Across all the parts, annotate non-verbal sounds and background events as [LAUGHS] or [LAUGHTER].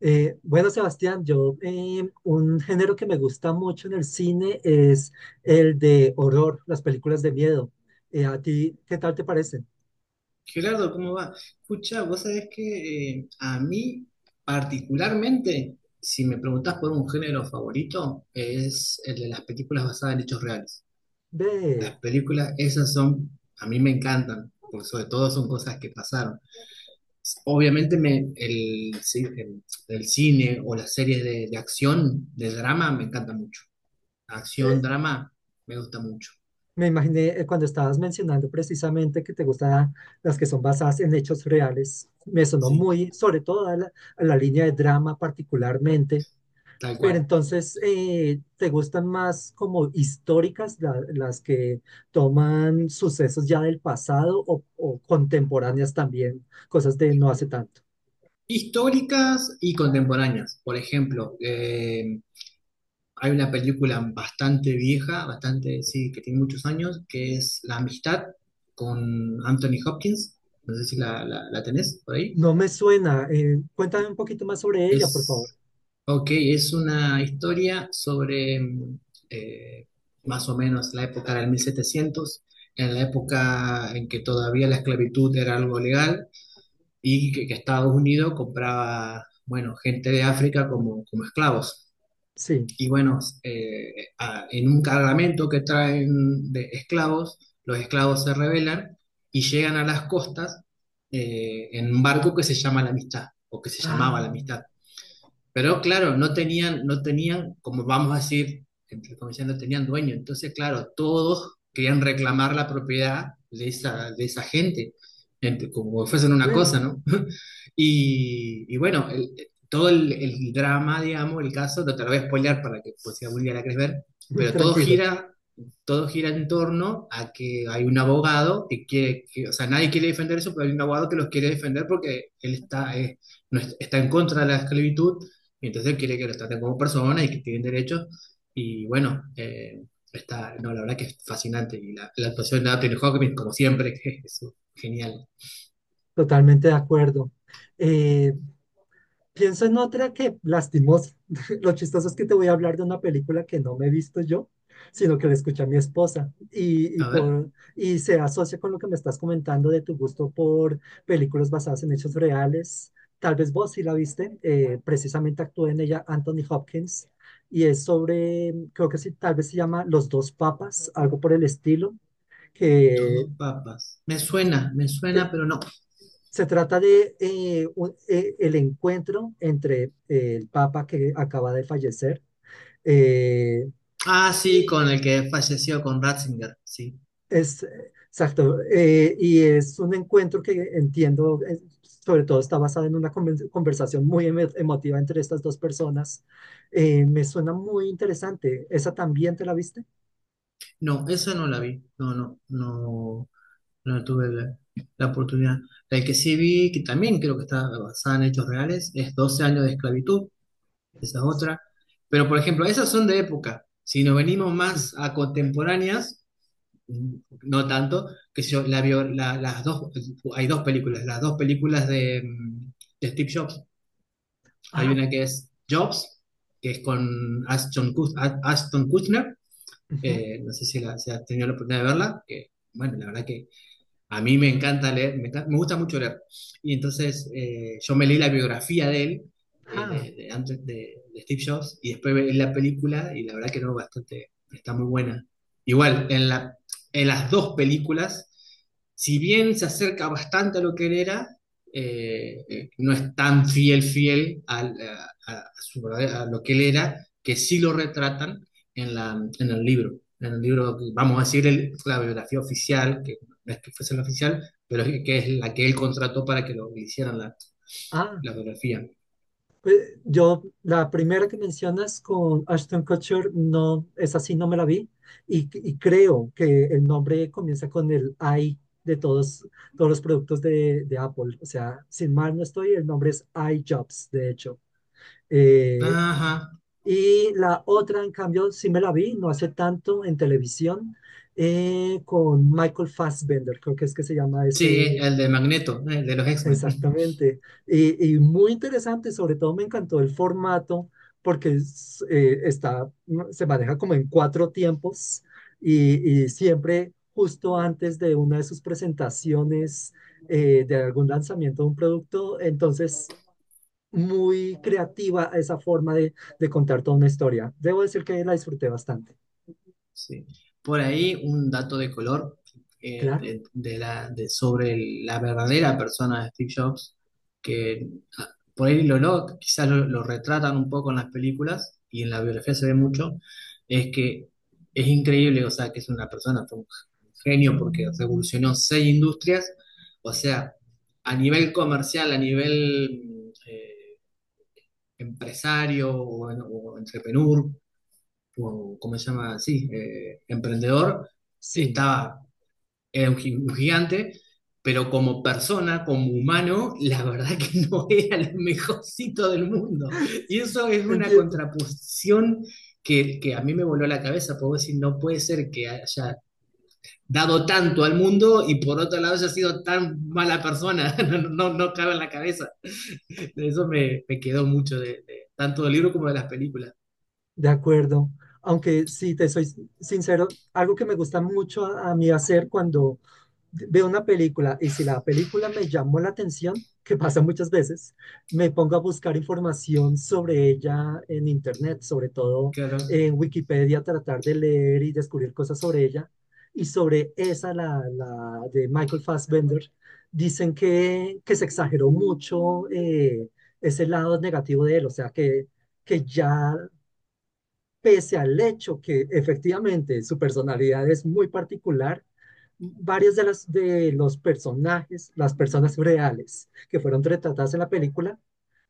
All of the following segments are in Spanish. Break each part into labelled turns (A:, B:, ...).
A: Bueno, Sebastián, yo un género que me gusta mucho en el cine es el de horror, las películas de miedo. ¿A ti qué tal te parecen?
B: Gerardo, ¿cómo va? Escucha, vos sabés que a mí particularmente, si me preguntás por un género favorito, es el de las películas basadas en hechos reales. Las
A: Ve,
B: películas, esas son, a mí me encantan, porque sobre todo son cosas que pasaron. Obviamente me, el, ci- el cine o las series de acción, de drama, me encanta mucho. Acción,
A: eh,
B: drama, me gusta mucho,
A: me imaginé cuando estabas mencionando precisamente que te gustan las que son basadas en hechos reales. Me sonó
B: sí,
A: muy, sobre todo a la línea de drama particularmente.
B: tal
A: Pero
B: cual.
A: entonces, ¿te gustan más como históricas, las que toman sucesos ya del pasado o contemporáneas también, cosas de no hace tanto?
B: Históricas y contemporáneas. Por ejemplo, hay una película bastante vieja, bastante, sí, que tiene muchos años, que es La Amistad con Anthony Hopkins. No sé si la tenés por ahí.
A: No me suena. Cuéntame un poquito más sobre ella, por favor.
B: Es, ok, es una historia sobre eh, más o menos la época del 1700, en la época en que todavía la esclavitud era algo legal y que Estados Unidos compraba, bueno, gente de África como esclavos.
A: Sí.
B: Y bueno, en un cargamento que traen de esclavos, los esclavos se rebelan y llegan a las costas en un barco que se llama La Amistad, o que se
A: Ah,
B: llamaba La Amistad. Pero claro, no tenían, como vamos a decir, entre comillas, no tenían dueño. Entonces, claro, todos querían reclamar la propiedad de esa gente, como si fuesen una cosa,
A: eh,
B: ¿no? [LAUGHS] Y bueno, todo el drama, digamos, el caso, no te lo voy a spoilear para que pues, si algún día la querés ver,
A: [LAUGHS]
B: pero
A: tranquilo,
B: todo gira en torno a que hay un abogado que o sea, nadie quiere defender eso, pero hay un abogado que los quiere defender porque él está, no es- está en contra de la esclavitud y entonces él quiere que los traten como personas y que tienen derechos. Y bueno, no, la verdad que es fascinante. Y la actuación de Anthony Hopkins, como siempre, [LAUGHS] que es genial.
A: totalmente de acuerdo. Eh, Pienso en otra que, lastimosa, [LAUGHS] lo chistoso es que te voy a hablar de una película que no me he visto yo, sino que la escuché a mi esposa
B: A ver,
A: y se asocia con lo que me estás comentando de tu gusto por películas basadas en hechos reales. Tal vez vos sí la viste, precisamente actúa en ella Anthony Hopkins y es sobre, creo que sí, tal vez se llama Los dos papas, algo por el estilo,
B: los
A: que
B: dos papas. Me suena, pero no.
A: se trata de el encuentro entre el Papa que acaba de fallecer, eh,
B: Ah, sí,
A: y
B: con el que falleció, con Ratzinger, sí.
A: es exacto. Y es un encuentro que entiendo, sobre todo está basado en una conversación muy emotiva entre estas dos personas. Me suena muy interesante. ¿Esa también te la viste?
B: No, esa no la vi. No, no, no, no tuve la oportunidad. La que sí vi, que también creo que está basada en hechos reales, es Doce años de esclavitud, esa es otra. Pero, por ejemplo, esas son de época. Si nos venimos
A: Sí.
B: más a contemporáneas, mm, no tanto, que yo, las dos, hay dos películas, las dos películas de Steve Jobs. Hay
A: Ah,
B: una que es Jobs, que es con Ashton Kutcher,
A: ujú,
B: no sé si, si has tenido la oportunidad de verla, que, bueno, la verdad que a mí me encanta leer, me gusta mucho leer. Y entonces yo me leí la biografía de él,
A: ah,
B: de antes de Steve Jobs, y después leí la película, y la verdad que no, bastante, está muy buena. Igual, en las dos películas, si bien se acerca bastante a lo que él era, no es tan fiel, a su a lo que él era, que sí lo retratan en el libro. En el libro, vamos a decir, la biografía oficial, no es que fuese la oficial, pero es que es la que él contrató para que lo hicieran la,
A: ah.
B: la biografía.
A: Yo, la primera que mencionas con Ashton Kutcher, no, es así, no me la vi. Y creo que el nombre comienza con el I de todos, todos los productos de Apple. O sea, sin mal no estoy, el nombre es iJobs, de hecho. Eh,
B: Ajá,
A: y la otra, en cambio, sí me la vi, no hace tanto, en televisión, con Michael Fassbender, creo que es que se llama
B: sí,
A: ese.
B: el de Magneto, el de los X-Men.
A: Exactamente. Y muy interesante, sobre todo me encantó el formato porque es, se maneja como en cuatro tiempos y siempre justo antes de una de sus presentaciones, de algún lanzamiento de un producto. Entonces, muy creativa esa forma de contar toda una historia. Debo decir que la disfruté bastante.
B: Sí. Por ahí un dato de color,
A: Claro,
B: sobre la verdadera persona de Steve Jobs, que ah, por ahí quizás lo retratan un poco en las películas, y en la biografía se ve mucho, es que es increíble, o sea, que es una persona, fue un genio porque revolucionó seis industrias, o sea, a nivel comercial, a nivel empresario o entrepreneur, o ¿cómo se llama? Sí, emprendedor,
A: sí,
B: estaba, era un gigante, pero como persona, como humano, la verdad que [LAUGHS] no era el mejorcito del mundo. Y
A: sí,
B: eso es una
A: entiendo.
B: contraposición que a mí me voló la cabeza, puedo decir, no puede ser que haya dado tanto al mundo y por otro lado haya sido tan mala persona, [LAUGHS] no, no, no cabe en la cabeza. Eso me quedó mucho tanto del libro como de las películas.
A: De acuerdo. Aunque si te soy sincero, algo que me gusta mucho a mí hacer cuando veo una película y si la película me llamó la atención, que pasa muchas veces, me pongo a buscar información sobre ella en internet, sobre todo
B: Claro,
A: en Wikipedia, tratar de leer y descubrir cosas sobre ella. Y sobre esa, la de Michael Fassbender, dicen que se exageró mucho, ese lado negativo de él, o sea, que ya pese al hecho que efectivamente su personalidad es muy particular, varios de, las, de los personajes, las personas reales que fueron retratadas en la película,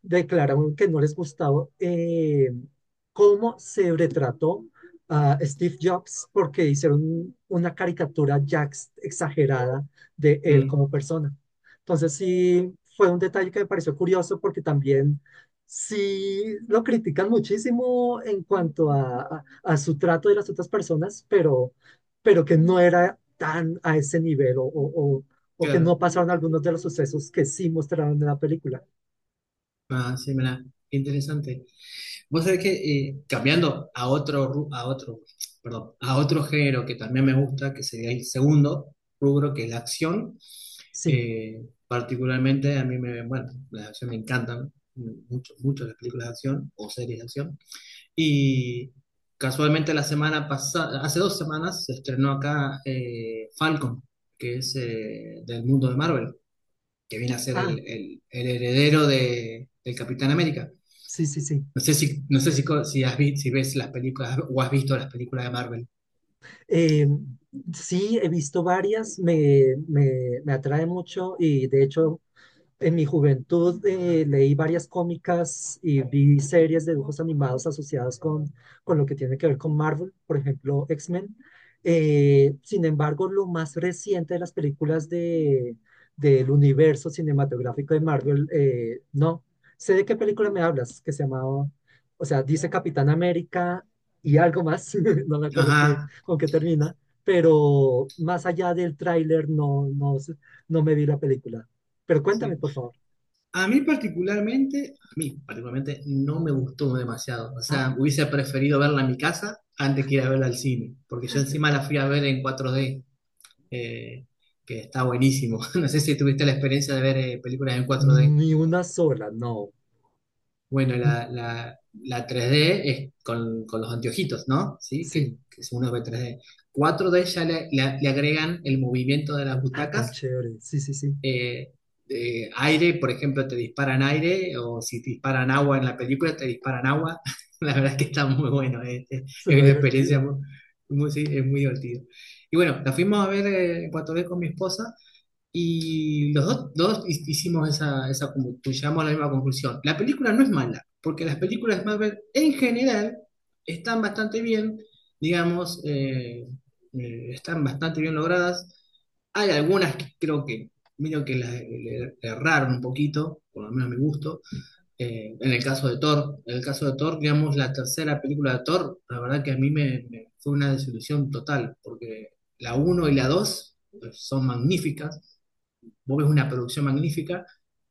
A: declararon que no les gustaba, cómo se retrató a Steve Jobs porque hicieron una caricatura ya exagerada de él
B: mm,
A: como persona. Entonces sí fue un detalle que me pareció curioso porque también sí, lo critican muchísimo en cuanto a, a su trato de las otras personas, pero que no era tan a ese nivel o que no
B: claro.
A: pasaron algunos de los sucesos que sí mostraron en la película.
B: Ah, sí, mira, qué interesante. Vos sabés que, cambiando a otro, ru- a otro, perdón, a otro género que también me gusta, que sería el segundo rubro, que es la acción.
A: Sí,
B: eh, particularmente a mí bueno, la acción me encantan mucho, mucho las películas de acción o series de acción. Y casualmente la semana pasada, hace dos semanas, se estrenó acá Falcon, que es del mundo de Marvel, que viene a ser
A: ah,
B: el heredero del Capitán América.
A: sí, sí, sí.
B: No sé si, si ves las películas o has visto las películas de Marvel.
A: Eh, sí, he visto varias, me atrae mucho y de hecho en mi juventud leí varias cómicas y vi series de dibujos animados asociadas con lo que tiene que ver con Marvel, por ejemplo, X-Men. Sin embargo, lo más reciente de las películas de, del universo cinematográfico de Marvel, no. Sé de qué película me hablas, que se llamaba, o sea, dice Capitán América y algo más, [LAUGHS] no me acuerdo qué,
B: Ajá,
A: con qué termina, pero más allá del tráiler no, no, no me vi la película. Pero cuéntame,
B: sí.
A: por favor.
B: A mí particularmente no me gustó demasiado. O
A: Ah,
B: sea, hubiese preferido verla en mi casa antes que ir a verla al cine, porque yo encima la fui a ver en 4D, eh, que está buenísimo. [LAUGHS] No sé si tuviste la experiencia de ver películas en 4D.
A: ni una sola, no.
B: Bueno,
A: Mm,
B: la 3D es con, los anteojitos, ¿no? Sí,
A: sí.
B: que uno ve 3D. 4D ya le agregan el movimiento de las
A: Ah, tan
B: butacas,
A: chévere. Sí, sí, sí.
B: eh, de aire, por ejemplo, te disparan aire, o si te disparan agua en la película, te disparan agua. [LAUGHS] La verdad es que está muy bueno, es
A: Suena
B: una experiencia
A: divertido.
B: muy, sí, es muy divertido. Y bueno, la fuimos a ver en Puerto Rico con mi esposa, y los dos hicimos esa, llegamos a la misma conclusión. La película no es mala, porque las películas de Marvel en general están bastante bien, digamos, están bastante bien logradas. Hay algunas que creo que medio que le erraron un poquito, por lo menos a mi gusto. En el caso de Thor, en el caso de Thor, digamos, la tercera película de Thor, la verdad que a mí me fue una desilusión total, porque la uno y la 2 son magníficas. Vos ves una producción magnífica,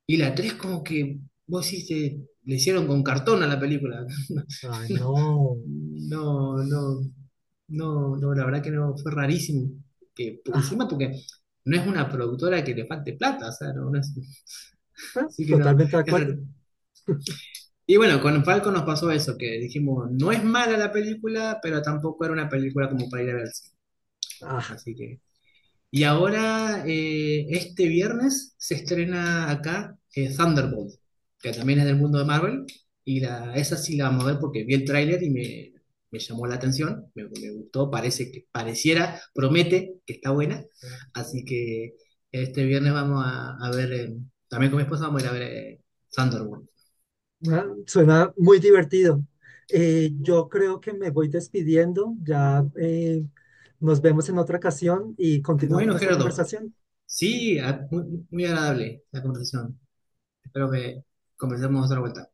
B: y la 3 como que vos decís, le hicieron con cartón a la película.
A: Ay,
B: [LAUGHS]
A: no.
B: No, no, no, no, la verdad que no, fue rarísimo. Que, por
A: Ah,
B: encima, porque no es una productora que le falte plata, o sea,
A: bueno,
B: así que no,
A: totalmente de
B: es
A: acuerdo.
B: raro. Y bueno, con Falco nos pasó eso, que dijimos, no es mala la película, pero tampoco era una película como para ir a ver al cine.
A: Ah,
B: Así que. Y ahora, este viernes, se estrena acá Thunderbolt, que también es del mundo de Marvel. Y esa sí la vamos a ver porque vi el tráiler y me llamó la atención, me gustó, parece que pareciera, promete que está buena. Así que este viernes vamos a ver, también con mi esposa vamos a ir a ver, Thunderbolt.
A: bueno, suena muy divertido. Yo creo que me voy despidiendo. Ya nos vemos en otra ocasión y continuamos
B: Bueno,
A: nuestra
B: Gerardo,
A: conversación.
B: sí, muy, muy agradable la conversación. Espero que conversemos otra vuelta.